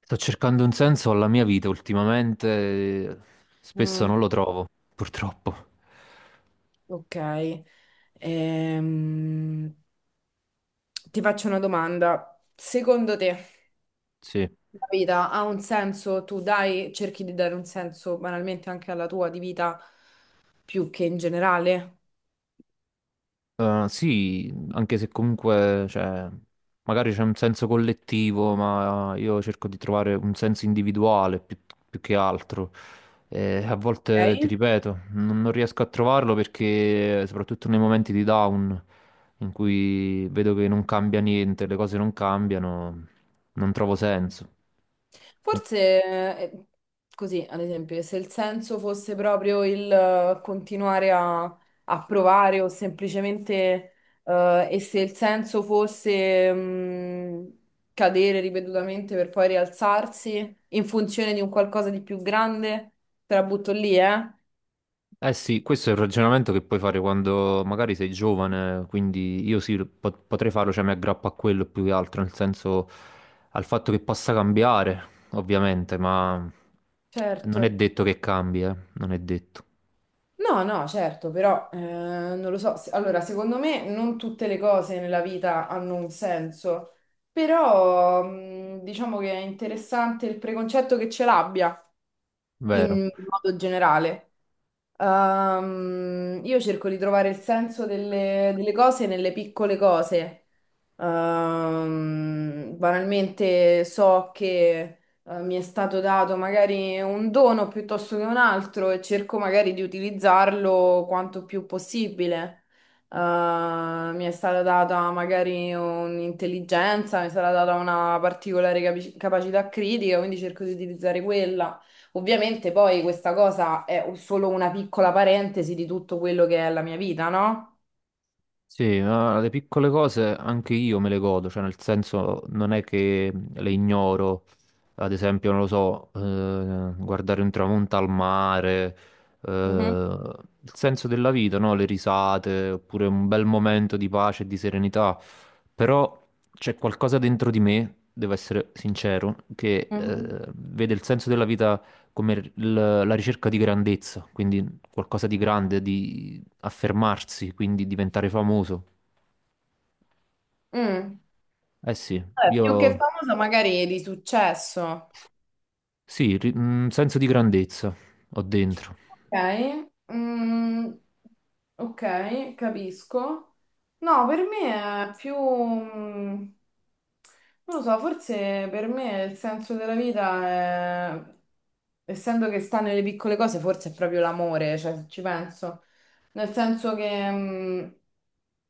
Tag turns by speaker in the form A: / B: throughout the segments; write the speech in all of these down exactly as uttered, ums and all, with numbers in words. A: Sto cercando un senso alla mia vita ultimamente, eh, spesso
B: Mm,
A: non lo trovo, purtroppo.
B: ok, Ehm, ti faccio una domanda. Secondo te
A: Sì.
B: la vita ha un senso? Tu dai, cerchi di dare un senso banalmente anche alla tua di vita più che in generale?
A: Eh, sì, anche se comunque, cioè, magari c'è un senso collettivo, ma io cerco di trovare un senso individuale più, più che altro. E a volte, ti
B: Ok?
A: ripeto, non, non riesco a trovarlo perché, soprattutto nei momenti di down, in cui vedo che non cambia niente, le cose non cambiano, non trovo senso.
B: Forse eh, così, ad esempio, se il senso fosse proprio il eh, continuare a, a provare o semplicemente, eh, e se il senso fosse mm, cadere ripetutamente per poi rialzarsi in funzione di un qualcosa di più grande, te la butto lì, eh?
A: Eh sì, questo è il ragionamento che puoi fare quando magari sei giovane, quindi io sì, po- potrei farlo, cioè mi aggrappo a quello più che altro, nel senso al fatto che possa cambiare, ovviamente, ma non è
B: Certo.
A: detto che cambi, eh, non è detto,
B: No, no, certo, però eh, non lo so. Se- Allora, secondo me non tutte le cose nella vita hanno un senso, però mh, diciamo che è interessante il preconcetto che ce l'abbia
A: vero?
B: in modo generale. Ehm, io cerco di trovare il senso delle, delle cose nelle piccole cose. Ehm, banalmente so che eh, mi è stato dato magari un dono piuttosto che un altro e cerco magari di utilizzarlo quanto più possibile. Eh, mi è stata data magari un'intelligenza, mi è stata data una particolare capi- capacità critica, quindi cerco di utilizzare quella. Ovviamente poi questa cosa è u- solo una piccola parentesi di tutto quello che è la mia vita, no?
A: Sì, ma le piccole cose anche io me le godo, cioè nel senso non è che le ignoro, ad esempio, non lo so, eh, guardare un tramonto al mare, eh,
B: Mhm,
A: il senso della vita, no? Le risate, oppure un bel momento di pace e di serenità, però c'è qualcosa dentro di me, devo essere sincero, che
B: mhm.
A: eh, vede il senso della vita come il- la ricerca di grandezza, quindi qualcosa di grande, affermarsi, quindi diventare famoso.
B: Mm.
A: Eh sì,
B: Vabbè, più che
A: io
B: famosa, magari di successo.
A: sì, ri- un senso di grandezza ho dentro.
B: Ok, mm, ok, capisco. No, per me è più, mm, non lo so, forse per me il senso della vita è, essendo che sta nelle piccole cose, forse è proprio l'amore, cioè se ci penso. Nel senso che, mm,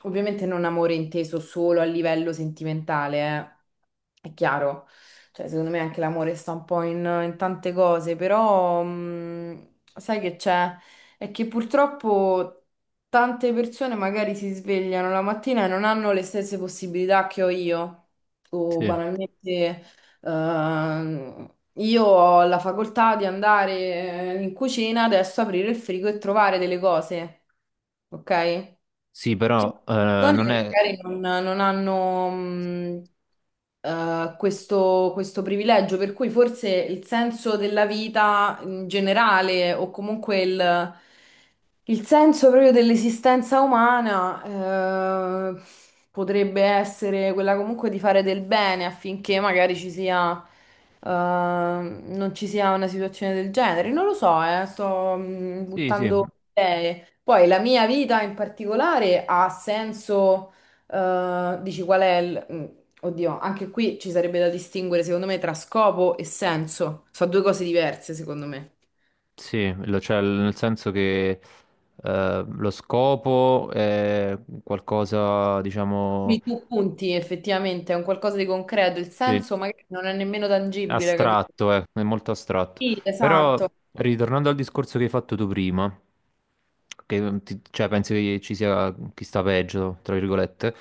B: ovviamente non amore inteso solo a livello sentimentale. eh, È chiaro. Cioè, secondo me anche l'amore sta un po' in, in tante cose, però mh, sai che c'è? È che purtroppo tante persone magari si svegliano la mattina e non hanno le stesse possibilità che ho io, o
A: Sì,
B: banalmente ehm, io ho la facoltà di andare in cucina, adesso aprire il frigo e trovare delle cose, ok?
A: sì,
B: Ci
A: però
B: sono
A: eh, non
B: persone che
A: è.
B: magari non, non hanno mh, eh, questo, questo privilegio, per cui forse il senso della vita in generale o comunque il, il senso proprio dell'esistenza umana eh, potrebbe essere quella comunque di fare del bene affinché magari ci sia, eh, non ci sia una situazione del genere. Non lo so, eh, sto mh,
A: Sì, sì,
B: buttando idee. Poi la mia vita in particolare ha senso, eh, dici qual è il... mm, Oddio, anche qui ci sarebbe da distinguere secondo me tra scopo e senso. Sono due cose diverse secondo me.
A: sì, lo- cioè, nel senso che eh, lo scopo è qualcosa, diciamo.
B: Qui tu punti effettivamente a un qualcosa di concreto, il
A: Sì.
B: senso magari non è nemmeno tangibile, capito?
A: Astratto, eh, è molto astratto.
B: Sì,
A: Però,
B: esatto.
A: ritornando al discorso che hai fatto tu prima, che ti- cioè, pensi che ci sia chi sta peggio, tra virgolette,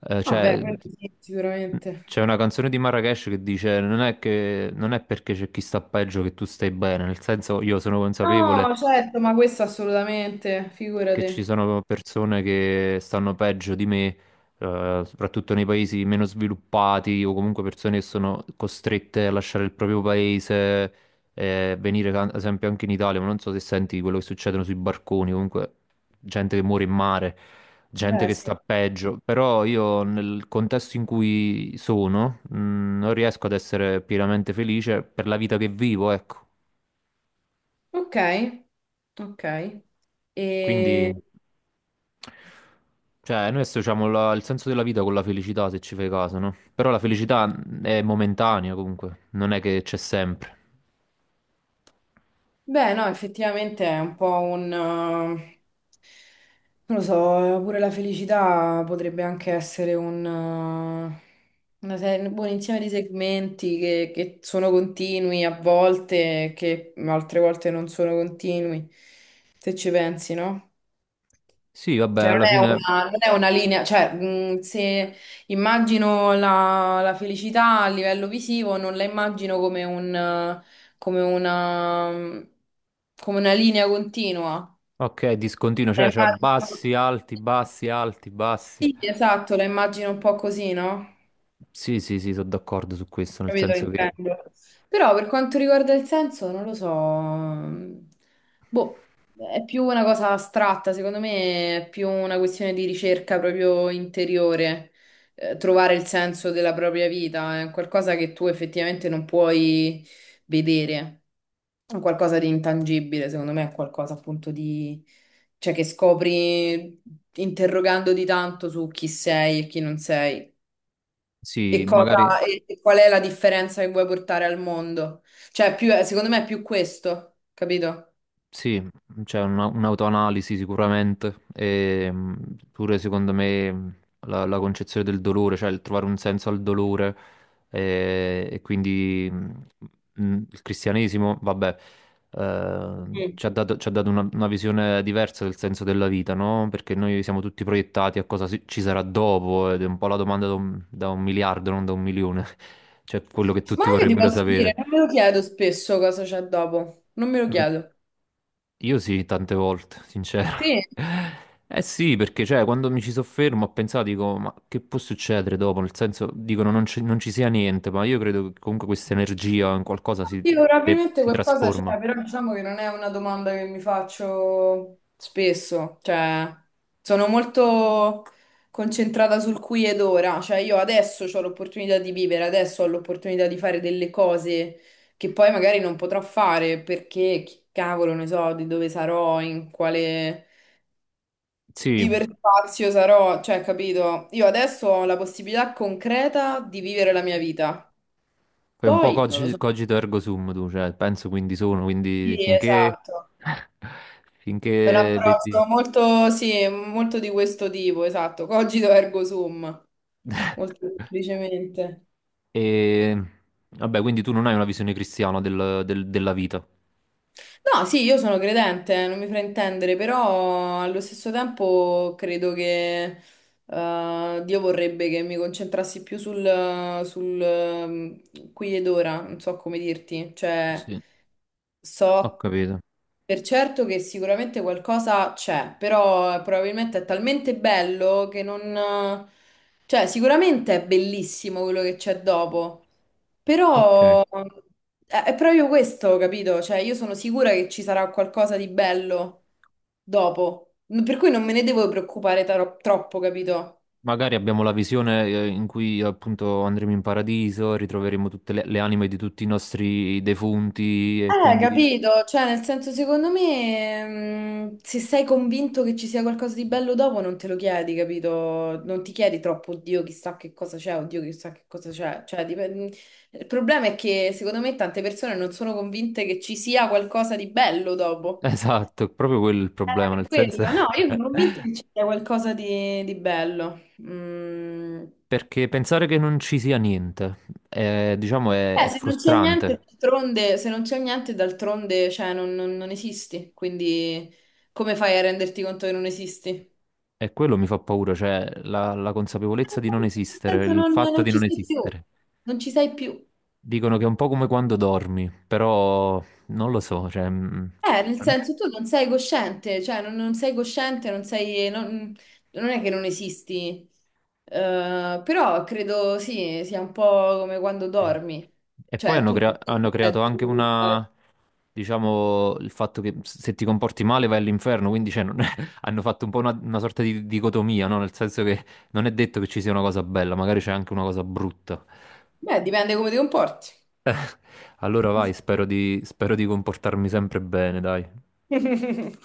A: eh,
B: Vabbè,
A: cioè,
B: quello sì, sicuramente.
A: c'è una canzone di Marrakesh che dice non è che, non è perché c'è chi sta peggio che tu stai bene, nel senso io sono consapevole
B: No, certo, ma questo assolutamente,
A: che ci
B: figurati.
A: sono persone che stanno peggio di me, eh, soprattutto nei paesi meno sviluppati o comunque persone che sono costrette a lasciare il proprio paese, eh, venire ca- ad esempio anche in Italia, ma non so se senti quello che succedono sui barconi, comunque gente che muore in mare, gente
B: Beh,
A: che
B: sì.
A: sta peggio, però io nel contesto in cui sono, mh, non riesco ad essere pienamente felice per la vita che vivo, ecco.
B: Ok, ok.
A: Quindi.
B: E...
A: Cioè, noi associamo la- il senso della vita con la felicità, se ci fai caso, no? Però la felicità è momentanea comunque, non è che c'è sempre.
B: Beh, no, effettivamente è un po' un... eh, non lo so, pure la felicità potrebbe anche essere un, eh, una serie- un buon insieme di segmenti che, che sono continui a volte, che altre volte non sono continui, se ci pensi, no?
A: Sì, vabbè,
B: Cioè, non
A: alla
B: è
A: fine,
B: una, non è una linea, cioè, mh, se immagino la, la felicità a livello visivo, non la immagino come un, come una, come una linea continua.
A: ok, discontinuo,
B: La
A: cioè, c'è
B: immagino,
A: bassi, alti, bassi, alti, bassi.
B: sì, esatto, la immagino un po' così, no?
A: Sì, sì, sì, sono d'accordo su questo, nel
B: Capito, che
A: senso che,
B: intendo. Però per quanto riguarda il senso, non lo so. Boh, è più una cosa astratta, secondo me è più una questione di ricerca proprio interiore, eh, trovare il senso della propria vita, è qualcosa che tu effettivamente non puoi vedere, è qualcosa di intangibile, secondo me è qualcosa appunto di... cioè che scopri interrogandoti tanto su chi sei e chi non sei.
A: sì,
B: E,
A: magari.
B: cosa, e, e qual è la differenza che vuoi portare al mondo? Cioè, più, secondo me è più questo, capito?
A: Sì, c'è una- un'autoanalisi sicuramente, e mh, pure secondo me mh, la, la concezione del dolore, cioè il trovare un senso al dolore eh, e, quindi mh, mh, il cristianesimo, vabbè, eh,
B: Mm.
A: ci ha dato, ci ha dato una, una visione diversa del senso della vita, no? Perché noi siamo tutti proiettati a cosa si- ci sarà dopo ed è un po' la domanda da un, da un miliardo, non da un milione, cioè quello che
B: Ma
A: tutti
B: io ti
A: vorrebbero
B: posso dire, non
A: sapere.
B: me lo chiedo spesso cosa c'è dopo, non me lo chiedo.
A: Io sì, tante volte, sincero.
B: Sì.
A: Eh sì, perché cioè, quando mi ci soffermo ho pensato, dico, ma che può succedere dopo? Nel senso, dicono non, ci non ci sia niente, ma io credo che comunque questa energia in qualcosa si,
B: Sì,
A: de-
B: probabilmente
A: si
B: qualcosa
A: trasforma.
B: c'è, però diciamo che non è una domanda che mi faccio spesso, cioè sono molto concentrata sul qui ed ora, cioè io adesso ho l'opportunità di vivere, adesso ho l'opportunità di fare delle cose che poi magari non potrò fare perché chi cavolo ne so di dove sarò, in quale
A: Sì,
B: iperspazio sarò, cioè capito? Io adesso ho la possibilità concreta di vivere la mia vita,
A: fai un po'
B: poi non lo
A: cogi-
B: so.
A: cogito ergo sum tu, cioè, penso quindi sono,
B: Sì,
A: quindi finché.
B: esatto. È un
A: Finché vedi.
B: approccio molto, sì, molto di questo tipo, esatto, cogito ergo sum, molto semplicemente.
A: E. Vabbè, quindi tu non hai una visione cristiana del- del- della vita.
B: No, sì, io sono credente, non mi fraintendere, però allo stesso tempo credo che eh, Dio vorrebbe che mi concentrassi più sul, sul, ehm, qui ed ora, non so come dirti, cioè
A: Sì, ho
B: so
A: capito.
B: Per certo che sicuramente qualcosa c'è, però eh, probabilmente è talmente bello che non... eh, Cioè, sicuramente è bellissimo quello che c'è dopo,
A: Ok.
B: però eh, è proprio questo, capito? Cioè, io sono sicura che ci sarà qualcosa di bello dopo, per cui non me ne devo preoccupare taro- troppo, capito?
A: Magari abbiamo la visione eh, in cui appunto andremo in paradiso, ritroveremo tutte le, le anime di tutti i nostri defunti e
B: Eh,
A: quindi.
B: capito, cioè nel senso secondo me mm, se sei convinto che ci sia qualcosa di bello dopo non te lo chiedi, capito? Non ti chiedi troppo, oddio chissà che cosa c'è, oddio chissà che cosa c'è. Cioè, dipen- Il problema è che secondo me tante persone non sono convinte che ci sia qualcosa di bello dopo.
A: Esatto, proprio quello è il problema,
B: Per
A: nel senso.
B: Quello, no, io sono convinta che ci sia qualcosa di, di bello. Mm.
A: Perché pensare che non ci sia niente, eh, diciamo, è, è
B: Eh, se non c'è niente,
A: frustrante
B: d'altronde, se non c'è niente, d'altronde, cioè, non, non- non esisti, quindi come fai a renderti conto che non esisti? Eh,
A: e quello mi fa paura, cioè la, la consapevolezza di non
B: Nel
A: esistere,
B: senso,
A: il
B: non,
A: fatto
B: non
A: di
B: ci
A: non
B: sei più,
A: esistere.
B: non ci sei più.
A: Dicono che è un po' come quando dormi, però non lo so, cioè. mm,
B: Eh, nel senso, tu non sei cosciente, cioè, non, non sei cosciente, non sei, non, non è che non esisti, Eh, però credo, sì, sia un po' come quando dormi,
A: E poi
B: cioè,
A: hanno,
B: tu
A: crea-
B: non sei
A: hanno creato
B: cosciente di
A: anche
B: quello che fai.
A: una, diciamo, il fatto che se ti comporti male vai all'inferno, quindi cioè, non- hanno fatto un po' una, una, sorta di dicotomia, no? Nel senso che non è detto che ci sia una cosa bella, magari c'è anche una cosa brutta.
B: Beh, dipende come ti comporti.
A: Allora vai, spero di, spero di comportarmi sempre bene, dai.